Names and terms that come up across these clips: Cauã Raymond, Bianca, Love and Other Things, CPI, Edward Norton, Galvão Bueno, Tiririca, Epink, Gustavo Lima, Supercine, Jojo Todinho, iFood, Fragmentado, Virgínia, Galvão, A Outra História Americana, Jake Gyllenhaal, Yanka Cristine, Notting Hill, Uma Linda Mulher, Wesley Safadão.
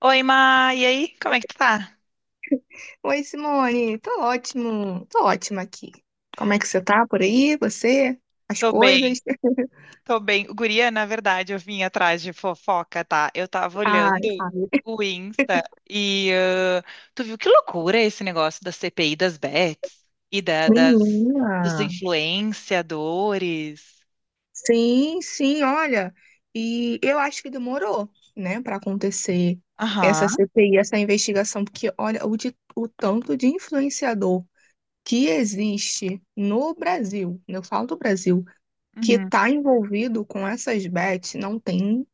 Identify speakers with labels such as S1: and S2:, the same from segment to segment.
S1: Oi, Ma, e aí? Como é que tu tá?
S2: Oi, Simone. Tô ótimo. Tô ótima aqui. Como é que você tá por aí? Você? As
S1: Tô bem,
S2: coisas?
S1: tô bem. Guria, na verdade, eu vim atrás de fofoca, tá? Eu tava olhando
S2: Ai, sabe?
S1: o Insta e tu viu que loucura esse negócio da CPI das bets e das,
S2: Menina.
S1: dos influenciadores.
S2: Sim, sim, olha. E eu acho que demorou, né, pra acontecer
S1: Aham,
S2: essa CPI, essa investigação, porque olha o tanto de influenciador que existe no Brasil, eu falo do Brasil, que
S1: uhum,
S2: tá envolvido com essas bets, não tem,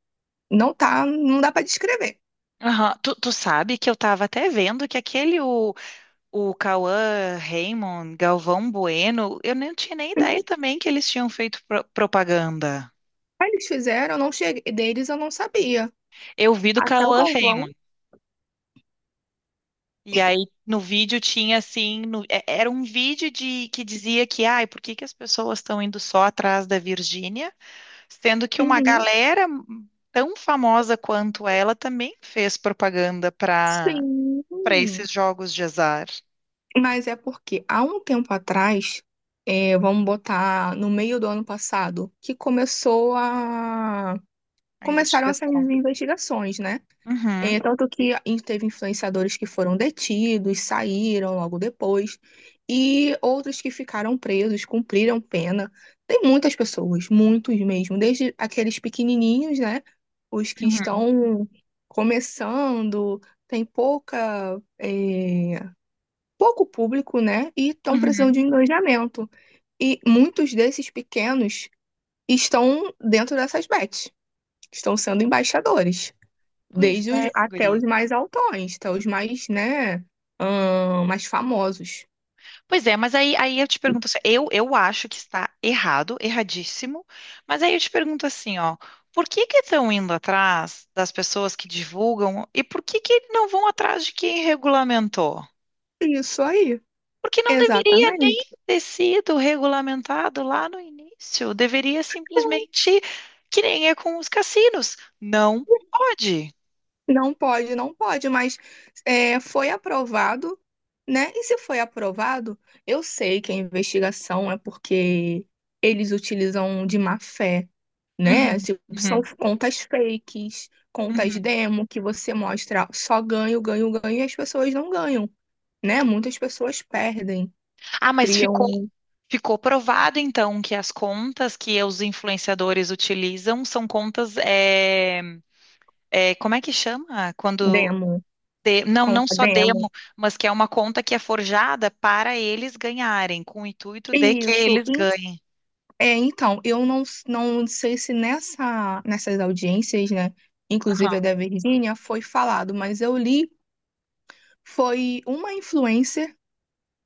S2: não tá, não dá pra descrever.
S1: aham. Tu sabe que eu tava até vendo que o Cauã Raymond, Galvão Bueno, eu não tinha nem ideia também que eles tinham feito propaganda.
S2: Aí eles fizeram, eu não cheguei, deles eu não sabia.
S1: Eu vi do
S2: Até o
S1: Cauã
S2: Galvão.
S1: Raymond. E aí no vídeo tinha assim, era um vídeo de que dizia que, ai, por que que as pessoas estão indo só atrás da Virgínia, sendo que uma
S2: Uhum.
S1: galera tão famosa quanto ela também fez propaganda
S2: Sim.
S1: para esses jogos de azar.
S2: Mas é porque há um tempo atrás, é, vamos botar no meio do ano passado, que começou a
S1: A
S2: começaram essas
S1: investigação.
S2: investigações, né?
S1: Uhum,
S2: É, tanto que teve influenciadores que foram detidos, saíram logo depois, e outros que ficaram presos, cumpriram pena. Tem muitas pessoas, muitos mesmo, desde aqueles pequenininhos, né? Os que
S1: uhum,
S2: estão começando, tem pouca, é, pouco público, né? E estão precisando
S1: uhum.
S2: de engajamento. E muitos desses pequenos estão dentro dessas bets, estão sendo embaixadores
S1: Pois
S2: desde
S1: é,
S2: os, até
S1: guria.
S2: os mais altões, até os mais, né, mais famosos.
S1: Pois é, mas aí, aí eu te pergunto assim, eu acho que está errado, erradíssimo, mas aí eu te pergunto assim, ó, por que que estão indo atrás das pessoas que divulgam e por que que não vão atrás de quem regulamentou?
S2: Isso aí,
S1: Porque não deveria
S2: exatamente.
S1: nem ter sido regulamentado lá no início, deveria simplesmente, que nem é com os cassinos, não pode.
S2: Não pode, não pode, mas é, foi aprovado, né? E se foi aprovado, eu sei que a investigação é porque eles utilizam de má fé, né?
S1: Uhum,
S2: São
S1: uhum,
S2: contas fakes, contas
S1: uhum.
S2: demo que você mostra só ganho, ganho, ganho e as pessoas não ganham, né? Muitas pessoas perdem,
S1: Ah,
S2: criam
S1: Ficou provado, então, que as contas que os influenciadores utilizam são contas, como é que chama? Quando
S2: demo.
S1: não, não
S2: Conta
S1: só
S2: demo.
S1: demo, mas que é uma conta que é forjada para eles ganharem, com o intuito de que
S2: Isso.
S1: eles ganhem.
S2: É, então, eu não, não sei se nessa, nessas audiências, né, inclusive a da Virgínia, foi falado, mas eu li, foi uma influencer,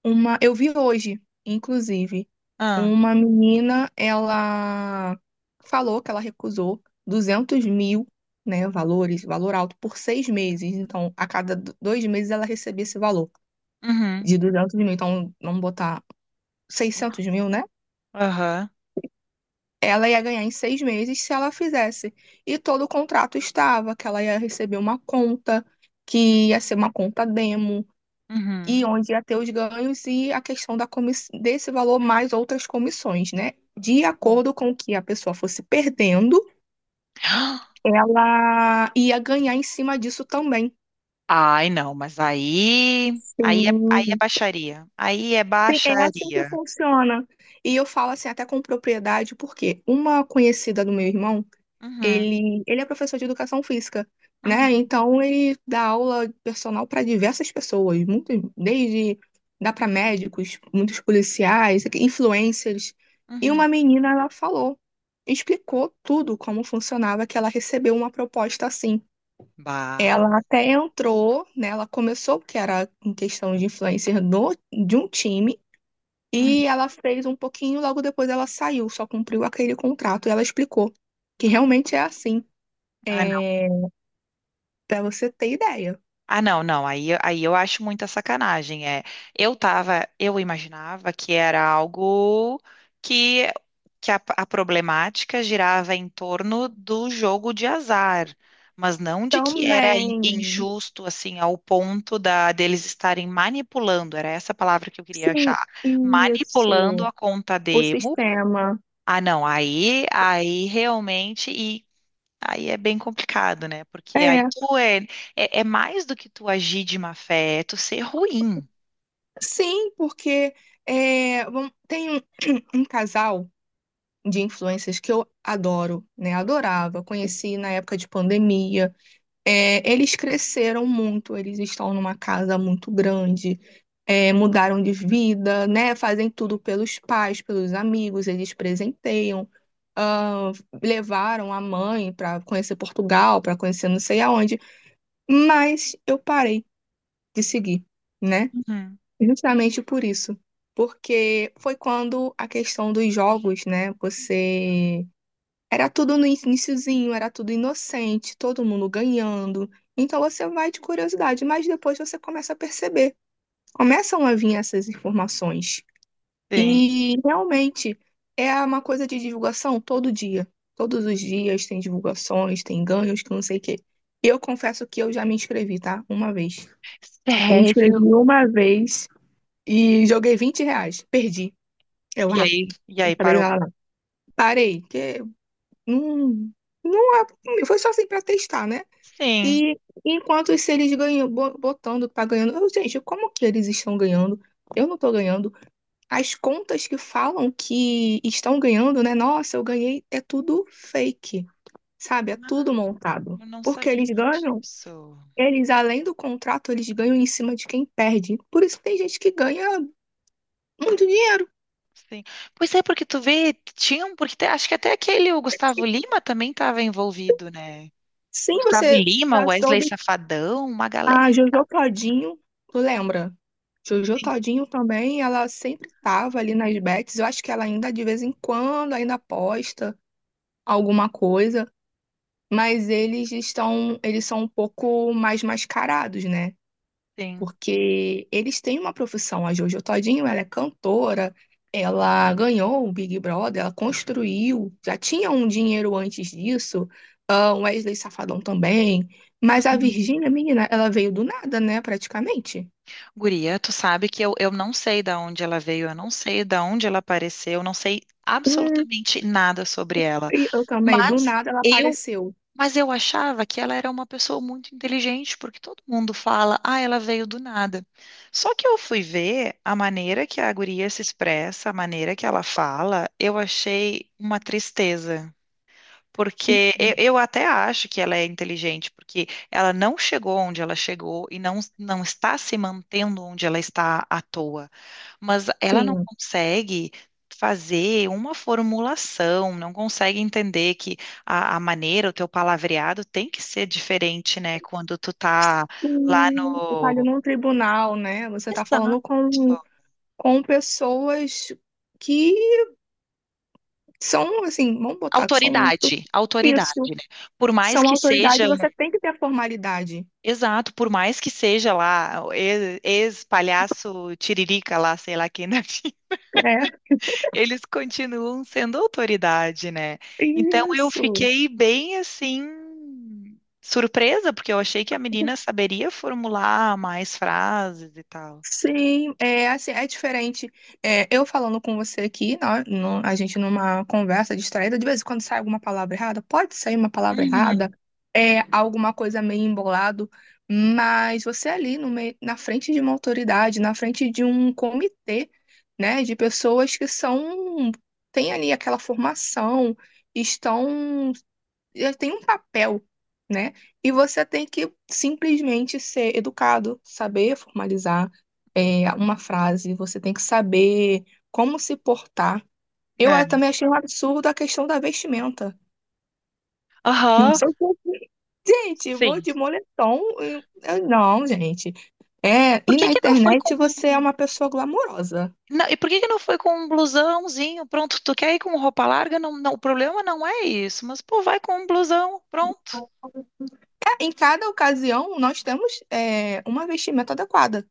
S2: uma, eu vi hoje, inclusive,
S1: Ah,
S2: uma menina, ela falou que ela recusou 200 mil, né, valores, valor alto, por 6 meses. Então, a cada 2 meses ela recebia esse valor
S1: uhum,
S2: de 200 mil. Então, vamos botar 600 mil, né?
S1: aham,
S2: Ela ia ganhar em 6 meses se ela fizesse. E todo o contrato estava, que ela ia receber uma conta, que ia ser uma conta demo, e
S1: uhum,
S2: onde ia ter os ganhos e a questão desse valor mais outras comissões, né? De
S1: uhum.
S2: acordo com o que a pessoa fosse perdendo, ela ia ganhar em cima disso também.
S1: Ai, não, mas aí, aí é
S2: Sim.
S1: baixaria. Aí é
S2: Sim, é assim que
S1: baixaria.
S2: funciona. E eu falo assim, até com propriedade, porque uma conhecida do meu irmão.
S1: Uhum,
S2: Ele é professor de educação física, né?
S1: uhum,
S2: Então ele dá aula personal para diversas pessoas, muitas, desde dá para médicos, muitos policiais, influencers. E
S1: uhum.
S2: uma menina ela falou, explicou tudo como funcionava, que ela recebeu uma proposta assim.
S1: Bah.
S2: Ela até entrou, né? Ela começou, que era em questão de influencer no, de um time,
S1: Uhum.
S2: e ela fez um pouquinho, logo depois ela saiu, só cumpriu aquele contrato e ela explicou que realmente é assim.
S1: Ai,
S2: É, para você ter ideia.
S1: ah, não, não. Aí, aí eu acho muita sacanagem. É, eu tava, eu imaginava que era algo que, que a problemática girava em torno do jogo de azar, mas não de que era
S2: Também.
S1: injusto assim ao ponto da deles estarem manipulando. Era essa a palavra que eu queria
S2: Sim,
S1: achar, manipulando
S2: isso.
S1: a conta
S2: O
S1: demo.
S2: sistema.
S1: Ah, não. Aí, aí realmente. Aí é bem complicado, né? Porque aí
S2: É.
S1: tu é mais do que tu agir de má fé, é tu ser ruim.
S2: Sim, porque é, tem um casal de influencers que eu adoro, né? Adorava. Conheci na época de pandemia. É, eles cresceram muito, eles estão numa casa muito grande, é, mudaram de vida, né? Fazem tudo pelos pais, pelos amigos, eles presenteiam, ah, levaram a mãe para conhecer Portugal, para conhecer não sei aonde, mas eu parei de seguir, né?
S1: Uhum.
S2: Justamente por isso, porque foi quando a questão dos jogos, né? Você era tudo no iniciozinho, era tudo inocente, todo mundo ganhando. Então você vai de curiosidade, mas depois você começa a perceber, começam a vir essas informações.
S1: Sim.
S2: E realmente é uma coisa de divulgação todo dia. Todos os dias tem divulgações, tem ganhos, que não sei o quê. Eu confesso que eu já me inscrevi, tá? Uma vez. Me inscrevi
S1: Sério?
S2: uma vez e joguei R$ 20. Perdi. Eu,
S1: E aí
S2: dessa vez
S1: parou?
S2: ela não. Parei, que não, não foi só assim pra testar, né?
S1: Sim.
S2: E enquanto se eles ganham, botando, tá ganhando. Eu, gente, como que eles estão ganhando? Eu não tô ganhando. As contas que falam que estão ganhando, né? Nossa, eu ganhei. É tudo fake, sabe? É tudo
S1: Ah,
S2: montado.
S1: eu não
S2: Porque
S1: sabia
S2: eles ganham,
S1: disso.
S2: eles, além do contrato, eles ganham em cima de quem perde. Por isso que tem gente que ganha muito dinheiro.
S1: Sim. Pois é, porque tu vê, tinham, porque acho que até aquele, o Gustavo Lima também estava envolvido, né?
S2: Sim,
S1: Gustavo
S2: você
S1: Lima,
S2: já
S1: Wesley
S2: soube.
S1: Safadão, uma galera.
S2: A Jojo Todinho, tu lembra? Jojo
S1: Sim.
S2: Todinho também, ela sempre tava ali nas bets. Eu acho que ela ainda, de vez em quando, ainda posta alguma coisa, mas eles estão, eles são um pouco mais mascarados, né? Porque eles têm uma profissão. A Jojo Todinho, ela é cantora, ela ganhou o Big Brother, ela construiu, já tinha um dinheiro antes disso. Ah, o Wesley Safadão também. Mas a
S1: Sim.
S2: Virgínia, menina, ela veio do nada, né, praticamente.
S1: Guria, tu sabe que eu não sei da onde ela veio, eu não sei da onde ela apareceu, eu não sei absolutamente nada sobre ela.
S2: E eu também, do
S1: Mas
S2: nada ela
S1: eu,
S2: apareceu.
S1: mas eu achava que ela era uma pessoa muito inteligente, porque todo mundo fala, ah, ela veio do nada. Só que eu fui ver a maneira que a guria se expressa, a maneira que ela fala, eu achei uma tristeza. Porque eu até acho que ela é inteligente, porque ela não chegou onde ela chegou e não, não está se mantendo onde ela está à toa. Mas ela não
S2: Sim.
S1: consegue fazer uma formulação, não consegue entender que a maneira, o teu palavreado tem que ser diferente, né? Quando tu tá lá
S2: Você tá ali
S1: no.
S2: num tribunal, né? Você tá
S1: Exato.
S2: falando com pessoas que são, assim, vamos botar que são
S1: Autoridade, autoridade,
S2: isso,
S1: né? Por mais
S2: são
S1: que seja
S2: autoridade, você tem que ter formalidade.
S1: exato, por mais que seja lá o ex-palhaço Tiririca lá, sei lá quem, né?
S2: É,
S1: Eles continuam sendo autoridade, né? Então eu
S2: isso.
S1: fiquei bem assim surpresa, porque eu achei que a menina saberia formular mais frases e tal.
S2: Sim, é assim, é diferente. É, eu falando com você aqui, a gente numa conversa distraída, de vez em quando sai alguma palavra errada, pode sair uma palavra
S1: Uhum,
S2: errada, é alguma coisa meio embolado, mas você é ali no meio, na frente de uma autoridade, na frente de um comitê, né, de pessoas que são têm ali aquela formação, estão já tem um papel, né? E você tem que simplesmente ser educado, saber formalizar uma frase, você tem que saber como se portar. Eu
S1: é.
S2: também achei um absurdo a questão da vestimenta. Não
S1: Aham,
S2: sei se. Gente, eu vou
S1: sim.
S2: de moletom. Não, gente. É,
S1: Por
S2: e
S1: que
S2: na
S1: que não foi
S2: internet
S1: com
S2: você é uma pessoa glamourosa.
S1: não, e por que que não foi com um blusãozinho? Pronto, tu quer ir com roupa larga? Não, não, o problema não é isso, mas pô, vai com um blusão, pronto.
S2: É, em cada ocasião, nós temos uma vestimenta adequada,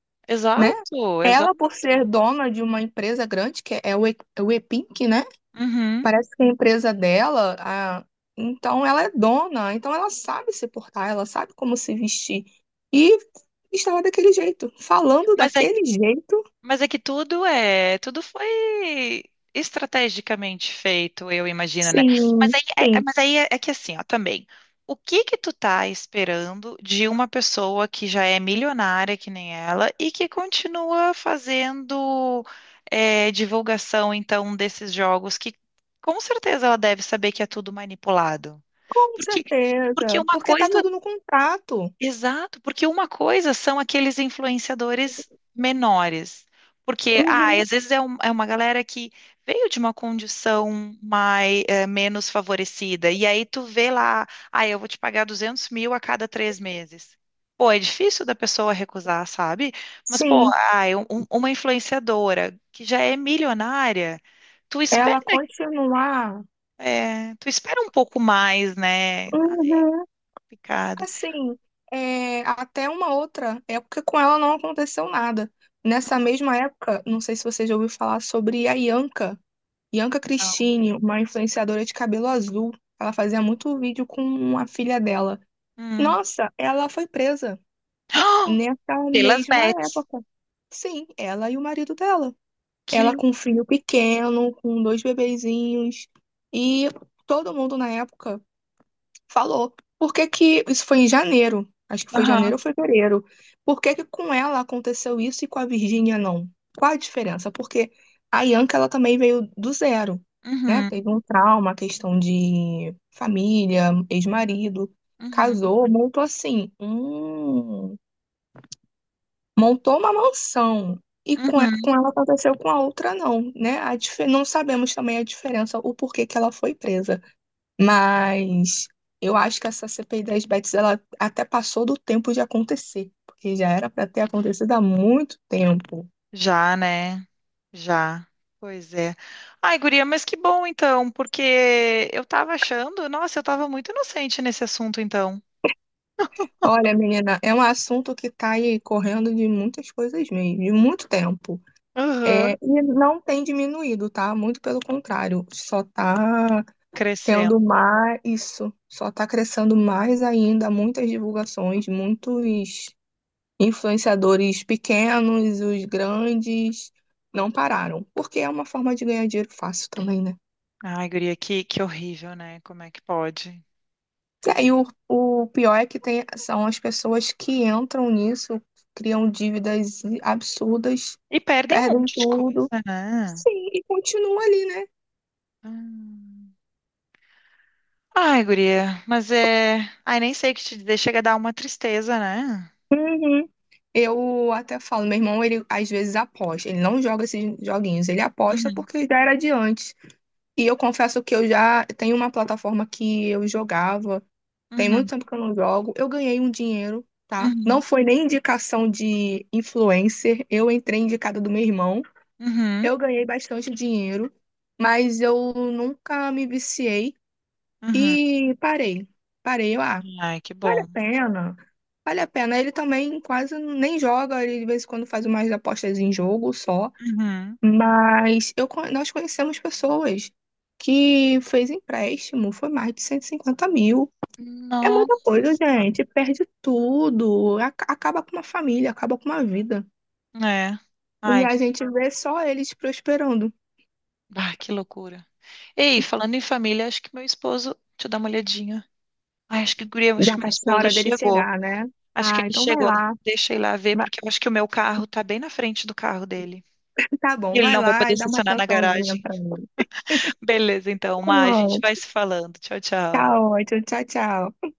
S2: né?
S1: Exato,
S2: Ela,
S1: exato.
S2: por ser dona de uma empresa grande, que é o Epink, né?
S1: Uhum.
S2: Parece que a empresa dela, então ela é dona, então ela sabe se portar, ela sabe como se vestir. E estava daquele jeito, falando
S1: Mas é,
S2: daquele jeito,
S1: mas é que tudo foi estrategicamente feito, eu imagino, né? Mas
S2: sim,
S1: aí,
S2: sim,
S1: mas aí é, é que assim, ó, também. O que que tu tá esperando de uma pessoa que já é milionária que nem ela e que continua fazendo é, divulgação, então, desses jogos que com certeza ela deve saber que é tudo manipulado.
S2: com
S1: Porque, porque
S2: certeza,
S1: uma
S2: porque tá
S1: coisa
S2: tudo no contrato.
S1: Exato, porque uma coisa são aqueles influenciadores menores. Porque, ah,
S2: Uhum,
S1: às vezes é uma galera que veio de uma condição mais, eh, menos favorecida. E aí tu vê lá, ah, eu vou te pagar 200 mil a cada 3 meses. Pô, é difícil da pessoa recusar, sabe? Mas, pô,
S2: sim,
S1: ah, uma influenciadora que já é milionária, tu espera,
S2: ela continuar.
S1: eh, tu espera um pouco mais, né? Ah,
S2: Uhum.
S1: picado.
S2: Assim, é, até uma outra época com ela não aconteceu nada. Nessa mesma época, não sei se você já ouviu falar sobre a Yanka, Yanka
S1: Não.
S2: Cristine, uma influenciadora de cabelo azul. Ela fazia muito vídeo com a filha dela.
S1: Hum.
S2: Nossa, ela foi presa nessa
S1: Pelas
S2: mesma
S1: bets.
S2: época. Sim, ela e o marido dela.
S1: Que
S2: Ela com um filho
S1: loucura.
S2: pequeno, com dois bebezinhos. E todo mundo na época falou. Por que que isso foi em janeiro? Acho que foi
S1: Aham.
S2: janeiro ou fevereiro. Por que que com ela aconteceu isso e com a Virgínia não? Qual a diferença? Porque a Bianca ela também veio do zero, né?
S1: Uhum.
S2: Teve um trauma, questão de família, ex-marido,
S1: Uhum.
S2: casou, montou assim, montou uma mansão. E com
S1: Uhum.
S2: com ela aconteceu, com a outra não, né? Não sabemos também a diferença, o porquê que ela foi presa. Mas eu acho que essa CPI das bets ela até passou do tempo de acontecer, porque já era para ter acontecido há muito tempo.
S1: Já, né? Já. Pois é. Ai, guria, mas que bom então, porque eu tava achando, nossa, eu tava muito inocente nesse assunto então.
S2: Olha, menina, é um assunto que está aí correndo de muitas coisas mesmo, de muito tempo. É,
S1: Aham.
S2: e não tem diminuído, tá? Muito pelo contrário, só está
S1: Crescendo.
S2: tendo mais isso, só está crescendo mais ainda, muitas divulgações, muitos influenciadores pequenos, os grandes, não pararam, porque é uma forma de ganhar dinheiro fácil também, né?
S1: Ai, guria, que horrível, né? Como é que pode?
S2: É, e aí o pior é que tem, são as pessoas que entram nisso, criam dívidas absurdas,
S1: E perdem um
S2: perdem
S1: monte de coisa,
S2: tudo.
S1: né?
S2: Sim, e continua ali, né?
S1: Hum. Ai, guria, mas é. Ai, nem sei o que te dizer, chega a dar uma tristeza, né?
S2: Uhum. Eu até falo, meu irmão, ele às vezes aposta, ele não joga esses joguinhos, ele aposta
S1: Uhum,
S2: porque já era de antes. E eu confesso que eu já tenho uma plataforma que eu jogava. Tem muito
S1: uhum,
S2: tempo que eu não jogo. Eu ganhei um dinheiro, tá? Não
S1: uhum,
S2: foi nem indicação de influencer. Eu entrei indicada do meu irmão.
S1: uhum,
S2: Eu ganhei bastante dinheiro, mas eu nunca me viciei
S1: uhum.
S2: e parei. Parei, eu,
S1: Ai, que
S2: vale
S1: bom.
S2: a pena. Vale a pena. Ele também quase nem joga, ele de vez em quando faz umas apostas em jogo só.
S1: Uhum.
S2: Mas eu, nós conhecemos pessoas que fez empréstimo, foi mais de 150 mil. É muita
S1: Nossa
S2: coisa,
S1: Senhora.
S2: gente. Perde tudo. Acaba com uma família, acaba com uma vida.
S1: É.
S2: E
S1: Ai,
S2: a gente vê só eles prosperando.
S1: bah, que loucura. Ei, falando em família, acho que meu esposo. Deixa eu dar uma olhadinha. Ai, acho que, guria, acho
S2: Já
S1: que meu
S2: tá na
S1: esposo
S2: hora dele
S1: chegou.
S2: chegar, né?
S1: Acho que
S2: Ah,
S1: ele
S2: então vai
S1: chegou.
S2: lá.
S1: Deixa eu ir lá ver,
S2: Vai-
S1: porque eu acho que o meu carro tá bem na frente do carro dele.
S2: Tá
S1: E
S2: bom,
S1: ele
S2: vai
S1: não vai
S2: lá
S1: poder
S2: e dá uma
S1: estacionar na
S2: atençãozinha
S1: garagem.
S2: pra mim.
S1: Beleza, então,
S2: Tá
S1: Má, a gente
S2: bom.
S1: vai se falando. Tchau,
S2: Tá
S1: tchau.
S2: ótimo. Tchau, tchau.